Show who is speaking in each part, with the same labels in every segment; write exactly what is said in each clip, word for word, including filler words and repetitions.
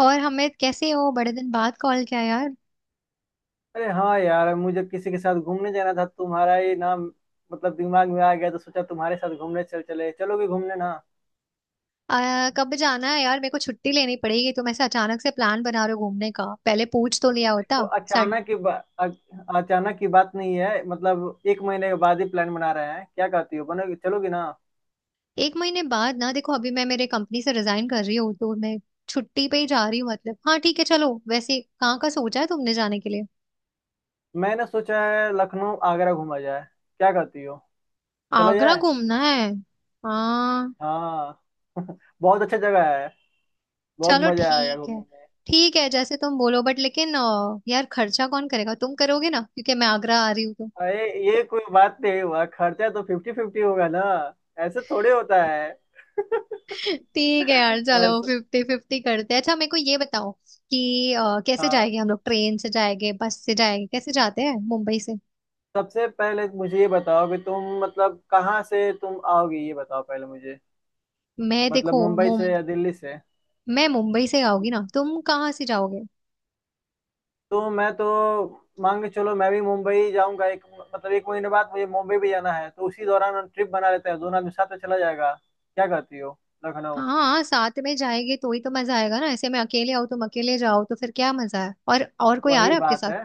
Speaker 1: और हमें कैसे हो, बड़े दिन बाद कॉल किया यार।
Speaker 2: अरे हाँ यार, मुझे किसी के साथ घूमने जाना था। तुम्हारा ये नाम मतलब दिमाग में आ गया तो सोचा तुम्हारे साथ घूमने चल चले चलोगे घूमने ना।
Speaker 1: आ, कब जाना है यार, मेरे को छुट्टी लेनी पड़ेगी। तुम ऐसे अचानक से प्लान बना रहे हो घूमने का, पहले पूछ तो लिया
Speaker 2: देखो
Speaker 1: होता। सड
Speaker 2: अचानक की बा, अ- अचानक की बात नहीं है। मतलब एक महीने के बाद ही प्लान बना रहे हैं। क्या कहती हो, बनोगे, चलोगी ना?
Speaker 1: एक महीने बाद ना, देखो अभी मैं मेरे कंपनी से रिजाइन कर रही हूँ तो मैं छुट्टी पे ही जा रही हूँ। मतलब हाँ ठीक है, चलो। वैसे कहाँ का सोचा है तुमने जाने के लिए?
Speaker 2: मैंने सोचा है लखनऊ आगरा घूमा जाए। क्या कहती हो, चला
Speaker 1: आगरा
Speaker 2: जाए?
Speaker 1: घूमना है? हाँ।
Speaker 2: हाँ, बहुत अच्छा जगह है। बहुत
Speaker 1: चलो
Speaker 2: मजा आएगा
Speaker 1: ठीक
Speaker 2: घूमने
Speaker 1: है।
Speaker 2: में।
Speaker 1: ठीक है जैसे तुम बोलो। बट लेकिन अ, यार खर्चा कौन करेगा? तुम करोगे ना, क्योंकि मैं आगरा आ रही हूँ तो।
Speaker 2: अरे, ये कोई बात नहीं हुआ, खर्चा तो फिफ्टी फिफ्टी होगा ना। ऐसे थोड़े होता है।
Speaker 1: ठीक है यार चलो,
Speaker 2: ऐसा।
Speaker 1: फिफ्टी फिफ्टी करते हैं। अच्छा मेरे को ये बताओ कि अ, कैसे
Speaker 2: हाँ,
Speaker 1: जाएंगे हम लोग, ट्रेन से जाएंगे बस से जाएंगे, कैसे जाते हैं मुंबई से?
Speaker 2: सबसे पहले मुझे ये बताओ कि तुम मतलब कहाँ से तुम आओगी, ये बताओ पहले मुझे।
Speaker 1: मैं
Speaker 2: मतलब
Speaker 1: देखो
Speaker 2: मुंबई से
Speaker 1: मुम
Speaker 2: या दिल्ली से?
Speaker 1: मैं मुंबई से आऊंगी ना, तुम कहाँ से जाओगे?
Speaker 2: तो मैं तो मान के चलो मैं भी मुंबई जाऊंगा। एक मतलब एक महीने बाद मुझे मुंबई भी जाना है तो उसी दौरान ट्रिप बना लेते हैं, दोनों आदमी साथ में चला जाएगा। क्या कहती हो? लखनऊ।
Speaker 1: हाँ साथ में जाएंगे तो ही तो मजा आएगा ना। ऐसे मैं अकेले आऊँ तुम अकेले जाओ तो फिर क्या मजा है। और और कोई आ रहा
Speaker 2: वही
Speaker 1: है आपके
Speaker 2: बात
Speaker 1: साथ?
Speaker 2: है।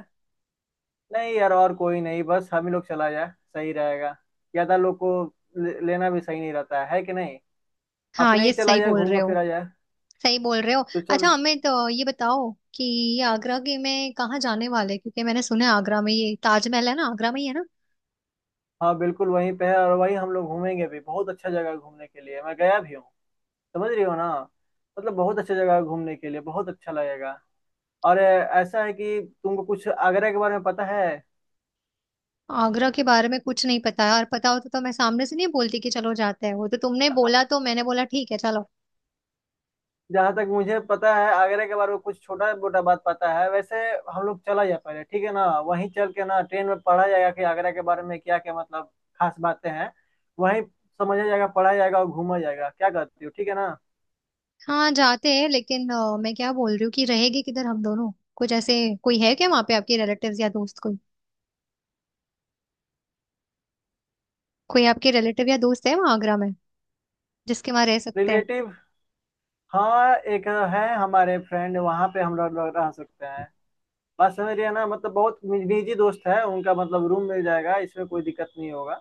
Speaker 2: नहीं यार, और कोई नहीं, बस हम ही लोग चला जाए। सही रहेगा। ज्यादा लोग को ले- लेना भी सही नहीं रहता है है कि नहीं।
Speaker 1: हाँ
Speaker 2: अपने ही
Speaker 1: ये
Speaker 2: चला
Speaker 1: सही
Speaker 2: जाए,
Speaker 1: बोल रहे
Speaker 2: घूमा
Speaker 1: हो।
Speaker 2: फिरा जाए।
Speaker 1: सही बोल रहे हो।
Speaker 2: तो
Speaker 1: अच्छा
Speaker 2: चल।
Speaker 1: हमें तो ये बताओ कि आगरा के में कहाँ जाने वाले हैं? क्योंकि मैंने सुना है आगरा में ये ताजमहल है ना, आगरा में ही है ना?
Speaker 2: हाँ बिल्कुल वहीं पे है और वहीं हम लोग घूमेंगे भी। बहुत अच्छा जगह है घूमने के लिए, मैं गया भी हूँ। समझ रही हो ना? मतलब बहुत अच्छा जगह है घूमने के लिए, बहुत अच्छा लगेगा। और अ, ऐसा है कि तुमको कुछ आगरा के बारे में पता है?
Speaker 1: आगरा के बारे में कुछ नहीं पता है, और पता होता तो तो मैं सामने से नहीं बोलती कि चलो जाते हैं। वो तो तुमने बोला तो मैंने बोला ठीक है चलो।
Speaker 2: जहां तक मुझे पता है आगरा के बारे में कुछ छोटा मोटा बात पता है वैसे। हम लोग चला जाए पहले, ठीक है ना? वहीं चल के ना ट्रेन में पढ़ा जाएगा कि आगरा के बारे में क्या क्या मतलब खास बातें हैं। वहीं समझा जाएगा, पढ़ा जाएगा और घूमा जाएगा। क्या करती हो, ठीक है ना?
Speaker 1: हाँ जाते हैं। लेकिन अ, मैं क्या बोल रही हूँ कि रहेगी किधर हम दोनों? कुछ ऐसे कोई है क्या वहाँ पे, आपके रिलेटिव्स या दोस्त कोई? कोई आपके रिलेटिव या दोस्त है वहाँ आगरा में, जिसके वहाँ रह सकते हैं?
Speaker 2: रिलेटिव? हाँ एक है हमारे फ्रेंड वहां पे, हम लोग लोग रह सकते हैं। बात समझ रही है ना? मतलब बहुत निजी दोस्त है उनका, मतलब रूम मिल जाएगा, इसमें कोई दिक्कत नहीं होगा।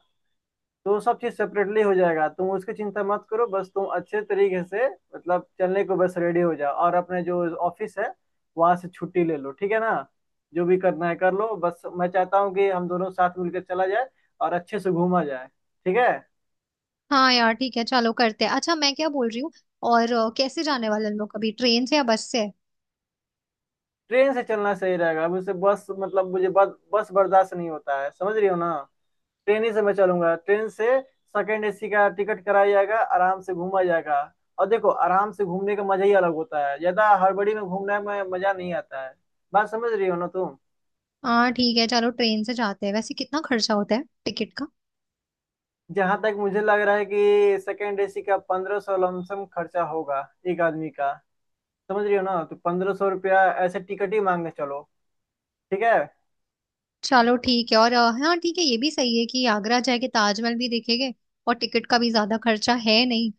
Speaker 2: तो सब चीज सेपरेटली हो जाएगा, तुम उसकी चिंता मत करो, बस तुम अच्छे तरीके से मतलब चलने को बस रेडी हो जाओ और अपने जो ऑफिस है वहां से छुट्टी ले लो, ठीक है ना? जो भी करना है कर लो, बस मैं चाहता हूँ कि हम दोनों साथ मिलकर चला जाए और अच्छे से घूमा जाए। ठीक है।
Speaker 1: हाँ यार ठीक है, चलो करते हैं। अच्छा मैं क्या बोल रही हूँ, और अ, कैसे जाने वाले हम लोग अभी, ट्रेन से या बस से?
Speaker 2: ट्रेन से चलना सही रहेगा, मुझसे बस मतलब मुझे बस बस बर्दाश्त नहीं होता है, समझ रही हो ना? ट्रेन ही से मैं चलूंगा, ट्रेन से। सेकंड एसी का टिकट कराया जाएगा, आराम से घूमा जाएगा। और देखो आराम से घूमने का मजा ही अलग होता है, ज्यादा हड़बड़ी में घूमने में मजा नहीं आता है। बात समझ रही हो ना तुम?
Speaker 1: हाँ ठीक है चलो, ट्रेन से जाते हैं। वैसे कितना खर्चा होता है टिकट का?
Speaker 2: जहां तक मुझे लग रहा है कि सेकंड एसी का पंद्रह सौ लमसम खर्चा होगा एक आदमी का। समझ रही हो ना, तो पंद्रह सौ रुपया ऐसे टिकट ही मांगने चलो। ठीक है।
Speaker 1: चलो ठीक है। और अ, हाँ ठीक है, ये भी सही है कि आगरा जाके ताजमहल भी देखेंगे। और टिकट का भी ज्यादा खर्चा है नहीं।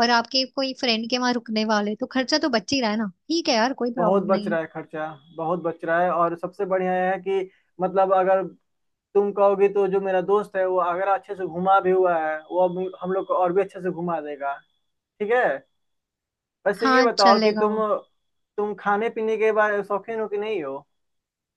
Speaker 1: और आपके कोई फ्रेंड के वहां रुकने वाले तो खर्चा तो बच ही रहा है ना। ठीक है यार, कोई
Speaker 2: बहुत
Speaker 1: प्रॉब्लम
Speaker 2: बच
Speaker 1: नहीं है।
Speaker 2: रहा है खर्चा, बहुत बच रहा है। और सबसे बढ़िया है कि मतलब अगर तुम कहोगे तो जो मेरा दोस्त है वो आगरा अच्छे से घुमा भी हुआ है, वो अब हम लोग को और भी अच्छे से घुमा देगा। ठीक है। वैसे ये
Speaker 1: हाँ
Speaker 2: बताओ कि
Speaker 1: चलेगा।
Speaker 2: तुम तुम खाने पीने के बारे में शौकीन हो कि नहीं हो?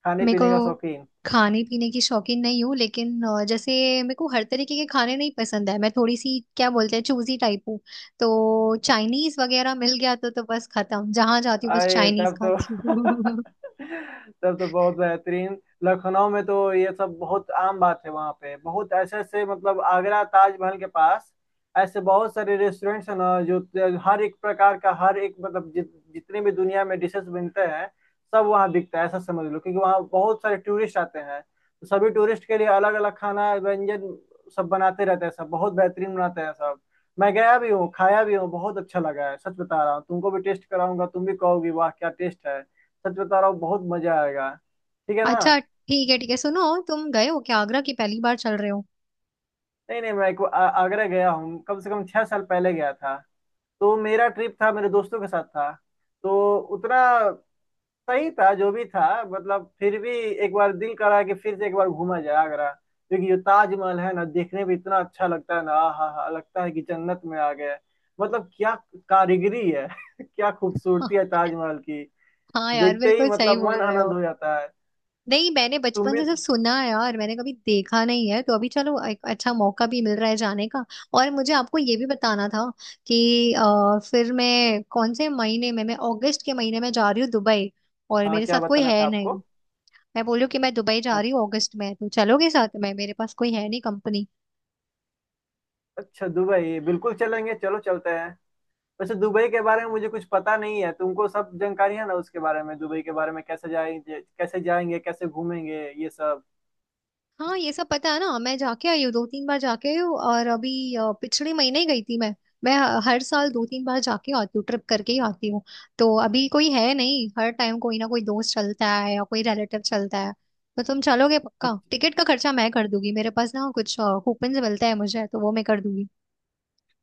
Speaker 2: खाने
Speaker 1: मेरे को
Speaker 2: पीने का शौकीन?
Speaker 1: खाने पीने की शौकीन नहीं हूँ। लेकिन अ, जैसे मेरे को हर तरीके के खाने नहीं पसंद है, मैं थोड़ी सी क्या बोलते हैं चूजी टाइप हूँ। तो चाइनीज वगैरह मिल गया तो तो बस खत्म, जहां जाती हूँ बस
Speaker 2: अरे
Speaker 1: चाइनीज
Speaker 2: तब तो
Speaker 1: खाती हूँ
Speaker 2: तब तो बहुत बेहतरीन। लखनऊ में तो ये सब बहुत आम बात है, वहाँ पे बहुत ऐसे ऐसे मतलब आगरा ताजमहल के पास ऐसे बहुत सारे रेस्टोरेंट्स हैं ना जो हर एक प्रकार का, हर एक मतलब जित, जितने भी दुनिया में डिशेस बनते हैं सब वहाँ बिकता है, ऐसा समझ लो, क्योंकि वहाँ बहुत सारे टूरिस्ट आते हैं तो सभी टूरिस्ट के लिए अलग अलग खाना व्यंजन सब बनाते रहते हैं, सब बहुत बेहतरीन बनाते हैं सब। मैं गया भी हूँ, खाया भी हूँ, बहुत अच्छा लगा है, सच बता रहा हूँ। तुमको भी टेस्ट कराऊंगा, तुम भी कहोगी वाह क्या टेस्ट है, सच बता रहा हूँ, बहुत मजा आएगा, ठीक है ना?
Speaker 1: अच्छा ठीक है, ठीक है सुनो। तुम गए हो क्या आगरा की, पहली बार चल रहे हो?
Speaker 2: नहीं नहीं, मैं एक बार आ- आगरा गया हूँ, कम से कम छह साल पहले गया था। तो मेरा ट्रिप था मेरे दोस्तों के साथ था, तो उतना सही था जो भी था, मतलब फिर भी एक बार दिल करा कि फिर से एक बार घूमा जाए आगरा क्योंकि जो ताजमहल है ना देखने में इतना अच्छा लगता है ना, हा हा लगता है कि जन्नत में आ गए। मतलब क्या कारीगरी है क्या
Speaker 1: हाँ।
Speaker 2: खूबसूरती है ताजमहल की।
Speaker 1: हाँ यार
Speaker 2: देखते ही
Speaker 1: बिल्कुल सही
Speaker 2: मतलब
Speaker 1: बोल
Speaker 2: मन
Speaker 1: रहे हो।
Speaker 2: आनंद हो जाता है।
Speaker 1: नहीं मैंने
Speaker 2: तुम
Speaker 1: बचपन
Speaker 2: भी।
Speaker 1: से सिर्फ सुना है यार, मैंने कभी देखा नहीं है। तो अभी चलो एक अच्छा मौका भी मिल रहा है जाने का। और मुझे आपको ये भी बताना था कि अ, फिर मैं कौन से महीने में, मैं अगस्त के महीने में जा रही हूँ दुबई। और
Speaker 2: हाँ
Speaker 1: मेरे
Speaker 2: क्या
Speaker 1: साथ कोई
Speaker 2: बताना था
Speaker 1: है नहीं।
Speaker 2: आपको?
Speaker 1: मैं बोल रही हूँ कि मैं दुबई जा
Speaker 2: अ-
Speaker 1: रही हूँ अगस्त में, तो चलोगे साथ में? मेरे पास कोई है नहीं कंपनी।
Speaker 2: अच्छा दुबई बिल्कुल चलेंगे, चलो चलते हैं। वैसे दुबई के बारे में मुझे कुछ पता नहीं है, तुमको सब जानकारी है ना उसके बारे में, दुबई के बारे में? कैसे जाएंगे, कैसे जाएंगे, कैसे घूमेंगे, ये सब?
Speaker 1: हाँ ये सब पता है ना, मैं जाके आई हूँ, दो तीन बार जाके आई हूँ। और अभी अ, पिछले महीने ही गई थी मैं मैं हर साल दो तीन बार जाके आती हूँ, ट्रिप करके ही आती हूँ। तो अभी कोई है नहीं, हर टाइम कोई ना कोई दोस्त चलता है या कोई रिलेटिव चलता है। तो तुम चलोगे? पक्का, टिकट का खर्चा मैं कर दूंगी, मेरे पास ना कुछ कूपन मिलता है मुझे, तो वो मैं कर दूंगी।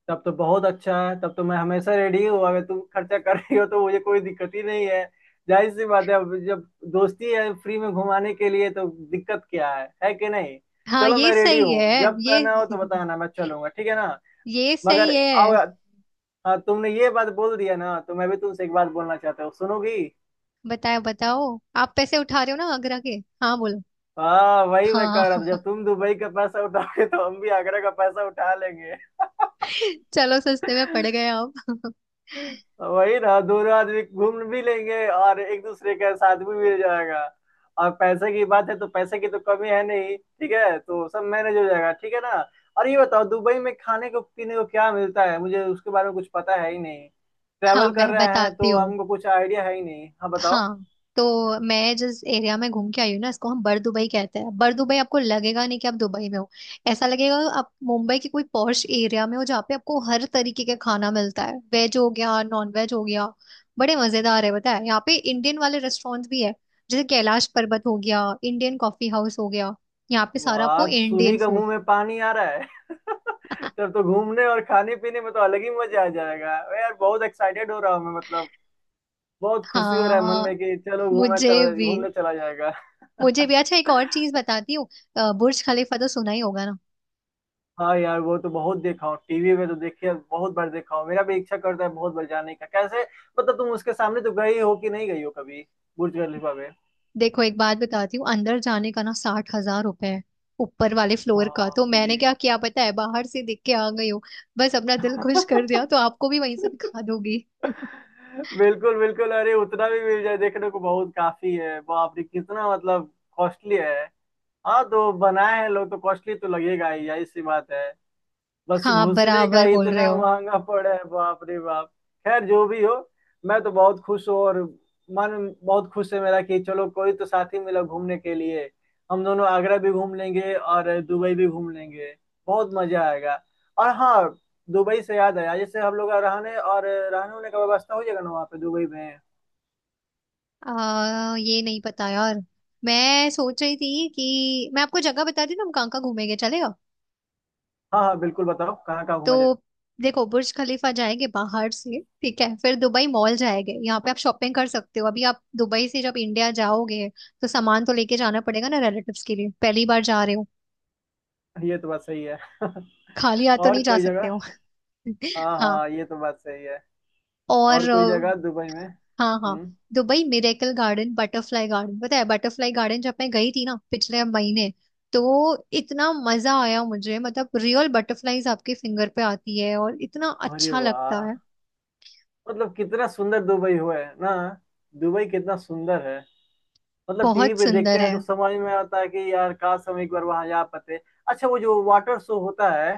Speaker 2: तब तो बहुत अच्छा है, तब तो मैं हमेशा रेडी हूँ। अगर तुम खर्चा कर रही हो तो मुझे कोई दिक्कत ही नहीं है। जाहिर सी बात है, अब जब दोस्ती है फ्री में घुमाने के लिए तो दिक्कत क्या है है कि नहीं?
Speaker 1: हाँ
Speaker 2: चलो
Speaker 1: ये
Speaker 2: मैं रेडी
Speaker 1: सही
Speaker 2: हूँ,
Speaker 1: है।
Speaker 2: जब
Speaker 1: ये
Speaker 2: करना हो तो बताना, मैं चलूंगा, ठीक है ना?
Speaker 1: ये सही
Speaker 2: मगर
Speaker 1: है।
Speaker 2: आओ। हाँ तुमने ये बात बोल दिया ना, तो मैं भी तुमसे एक बात बोलना चाहता हूँ, सुनोगी?
Speaker 1: बताओ बताओ। आप पैसे उठा रहे हो ना आगरा के? हाँ बोलो।
Speaker 2: हाँ वही मैं कह रहा
Speaker 1: हाँ
Speaker 2: था जब तुम दुबई का पैसा उठाओगे तो हम भी आगरा का पैसा उठा लेंगे।
Speaker 1: चलो सस्ते में पड़ गए आप।
Speaker 2: वही ना, दोनों आदमी घूम भी लेंगे और एक दूसरे का साथ भी मिल जाएगा। और पैसे की बात है तो पैसे की तो कमी है नहीं, ठीक है, तो सब मैनेज हो जाएगा, ठीक है ना? और ये बताओ दुबई में खाने को पीने को क्या मिलता है, मुझे उसके बारे में कुछ पता है ही नहीं।
Speaker 1: हाँ
Speaker 2: ट्रैवल कर
Speaker 1: मैं
Speaker 2: रहे हैं
Speaker 1: बताती
Speaker 2: तो
Speaker 1: हूँ।
Speaker 2: हमको कुछ आइडिया है ही नहीं, हाँ बताओ।
Speaker 1: हाँ तो मैं जिस एरिया में घूम के आई हूँ ना, इसको हम बर दुबई कहते हैं। बर दुबई आपको लगेगा नहीं कि आप दुबई में हो, ऐसा लगेगा आप मुंबई के कोई पॉश एरिया में हो, जहाँ पे आपको हर तरीके का खाना मिलता है, वेज हो गया नॉन वेज हो गया। बड़े मजेदार है, पता है यहाँ पे इंडियन वाले रेस्टोरेंट भी है, जैसे कैलाश पर्वत हो गया, इंडियन कॉफी हाउस हो गया। यहाँ पे सारा आपको
Speaker 2: वाह, सुनी
Speaker 1: इंडियन
Speaker 2: का
Speaker 1: फूड
Speaker 2: मुंह में पानी आ रहा है। तब तो घूमने और खाने पीने में तो अलग ही मजा आ जाएगा। अरे यार बहुत एक्साइटेड हो रहा हूँ मैं, मतलब बहुत खुशी हो रहा है मन
Speaker 1: हाँ
Speaker 2: में कि चलो घूमना
Speaker 1: मुझे
Speaker 2: चला
Speaker 1: भी।
Speaker 2: घूमने चला जाएगा।
Speaker 1: मुझे भी अच्छा एक और चीज बताती हूँ। अ, बुर्ज खलीफा तो सुना ही होगा ना?
Speaker 2: हाँ यार, वो तो बहुत देखा हूँ टीवी में, तो देखिए बहुत बार देखा हूँ, मेरा भी इच्छा करता है बहुत बार जाने का। कैसे मतलब तुम उसके सामने तो गई हो कि नहीं गई हो कभी बुर्ज खलीफा में?
Speaker 1: देखो एक बात बताती हूँ, अंदर जाने का ना साठ हज़ार रुपए है ऊपर वाले फ्लोर का। तो
Speaker 2: बाप
Speaker 1: मैंने
Speaker 2: रे।
Speaker 1: क्या किया पता है, बाहर से देख के आ गई हूँ। बस अपना दिल खुश कर दिया। तो आपको भी वहीं से दिखा दोगी
Speaker 2: बिल्कुल बिल्कुल, अरे उतना भी मिल जाए देखने को बहुत काफी है। बाप रे, कितना मतलब कॉस्टली है। हाँ तो बनाए हैं लोग तो कॉस्टली तो लगेगा ही, यही सी बात है। बस
Speaker 1: हाँ
Speaker 2: घुसने का
Speaker 1: बराबर बोल रहे
Speaker 2: इतना
Speaker 1: हो।
Speaker 2: महंगा पड़ा है, बाप रे बाप। खैर जो भी हो, मैं तो बहुत खुश हूँ और मन बहुत खुश है मेरा कि चलो कोई तो साथी मिला घूमने के लिए, हम दोनों आगरा भी घूम लेंगे और दुबई भी घूम लेंगे, बहुत मजा आएगा। और हाँ, दुबई से याद आया, जैसे हम लोग का रहने और रहने होने का व्यवस्था हो जाएगा ना वहाँ पे दुबई में?
Speaker 1: आ, ये नहीं पता यार। मैं सोच रही थी कि मैं आपको जगह बता दी ना, हम कहाँ कहाँ घूमेंगे चले
Speaker 2: हाँ हाँ बिल्कुल, बताओ कहाँ कहाँ घूमा जाए।
Speaker 1: तो। देखो बुर्ज खलीफा जाएंगे बाहर से, ठीक है? फिर दुबई मॉल जाएंगे, यहाँ पे आप शॉपिंग कर सकते हो। अभी आप दुबई से जब इंडिया जाओगे तो सामान तो लेके जाना पड़ेगा ना रिलेटिव्स के लिए, पहली बार जा रहे हो।
Speaker 2: ये तो बात सही है।
Speaker 1: खाली हाथ तो नहीं
Speaker 2: और
Speaker 1: जा
Speaker 2: कोई
Speaker 1: सकते
Speaker 2: जगह?
Speaker 1: हो
Speaker 2: हाँ
Speaker 1: हाँ।
Speaker 2: हाँ, ये तो बात सही है। और
Speaker 1: और
Speaker 2: कोई जगह
Speaker 1: अ,
Speaker 2: दुबई में?
Speaker 1: हाँ हाँ,
Speaker 2: हम्म।
Speaker 1: Dubai miracle garden, butterfly garden पता है? बटरफ्लाई गार्डन जब मैं गई थी ना पिछले महीने, तो इतना मजा आया मुझे। मतलब रियल बटरफ्लाईज आपके फिंगर पे आती है और इतना
Speaker 2: अरे
Speaker 1: अच्छा लगता
Speaker 2: वाह,
Speaker 1: है।
Speaker 2: मतलब कितना सुंदर दुबई हुआ है ना, दुबई कितना सुंदर है। मतलब टीवी
Speaker 1: बहुत
Speaker 2: पे देखते
Speaker 1: सुंदर
Speaker 2: हैं
Speaker 1: है।
Speaker 2: तो समझ में आता है कि यार काश हम एक बार वहां जा पाते। अच्छा वो जो वाटर शो होता है,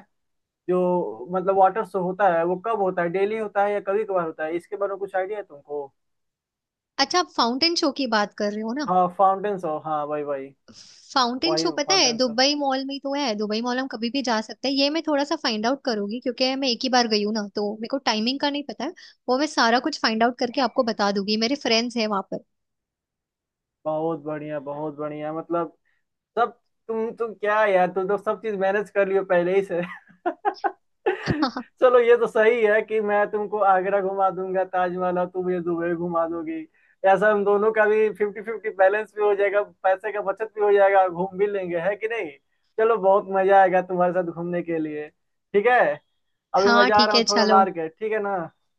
Speaker 2: जो मतलब वाटर शो होता है वो कब होता है, डेली होता है या कभी कभार होता है, इसके बारे में कुछ आइडिया है तुमको?
Speaker 1: अच्छा आप फाउंटेन शो की बात कर रहे हो ना?
Speaker 2: हाँ फाउंटेन शो, हाँ भाई भाई।
Speaker 1: फाउंटेन शो,
Speaker 2: वही
Speaker 1: पता है
Speaker 2: फाउंटेन शो।
Speaker 1: दुबई मॉल में ही तो है, दुबई मॉल हम कभी भी जा सकते हैं। ये मैं थोड़ा सा फाइंड आउट करूंगी, क्योंकि मैं एक ही बार गई हूँ ना, तो मेरे को टाइमिंग का नहीं पता है। वो मैं सारा कुछ फाइंड आउट करके आपको बता दूंगी, मेरे फ्रेंड्स हैं वहां पर
Speaker 2: बहुत बढ़िया, बहुत बढ़िया, मतलब सब। तुम तो क्या यार, तुम तो सब चीज मैनेज कर लियो पहले ही से। चलो ये तो सही है कि मैं तुमको आगरा घुमा दूंगा ताजमहल और तुम मुझे दुबई घुमा दोगी। ऐसा हम दोनों का भी फिफ्टी फिफ्टी बैलेंस भी हो जाएगा, पैसे का बचत भी हो जाएगा, घूम भी लेंगे, है कि नहीं? चलो बहुत मजा आएगा तुम्हारे साथ घूमने के लिए। ठीक है। अभी मैं
Speaker 1: हाँ
Speaker 2: जा
Speaker 1: ठीक
Speaker 2: रहा
Speaker 1: है
Speaker 2: हूँ थोड़ा
Speaker 1: चलो।
Speaker 2: मार्केट, ठीक है ना?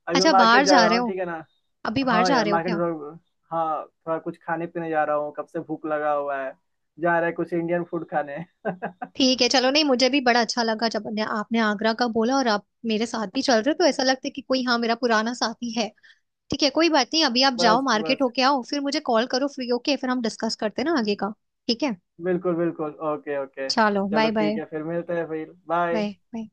Speaker 2: अभी
Speaker 1: अच्छा
Speaker 2: मार्केट
Speaker 1: बाहर
Speaker 2: जा
Speaker 1: जा
Speaker 2: रहा
Speaker 1: रहे
Speaker 2: हूँ,
Speaker 1: हो?
Speaker 2: ठीक है ना?
Speaker 1: अभी बाहर
Speaker 2: हाँ
Speaker 1: जा
Speaker 2: यार
Speaker 1: रहे हो
Speaker 2: मार्केट
Speaker 1: क्या?
Speaker 2: जरूर। हाँ थोड़ा कुछ खाने पीने जा रहा हूँ, कब से भूख लगा हुआ है, जा रहा है कुछ इंडियन फूड खाने।
Speaker 1: ठीक है चलो। नहीं मुझे भी बड़ा अच्छा लगा जब ने- आपने आगरा का बोला, और आप मेरे साथ भी चल रहे हो। तो ऐसा लगता है कि कोई, हाँ, मेरा पुराना साथी है। ठीक है कोई बात नहीं, अभी आप जाओ
Speaker 2: बस
Speaker 1: मार्केट
Speaker 2: बस,
Speaker 1: होके आओ, फिर मुझे कॉल करो फ्री होके, फिर हम डिस्कस करते हैं ना आगे का। ठीक है
Speaker 2: बिल्कुल बिल्कुल, ओके ओके।
Speaker 1: चलो,
Speaker 2: चलो
Speaker 1: बाय बाय।
Speaker 2: ठीक है, फिर मिलते हैं, फिर बाय।
Speaker 1: Bye bye.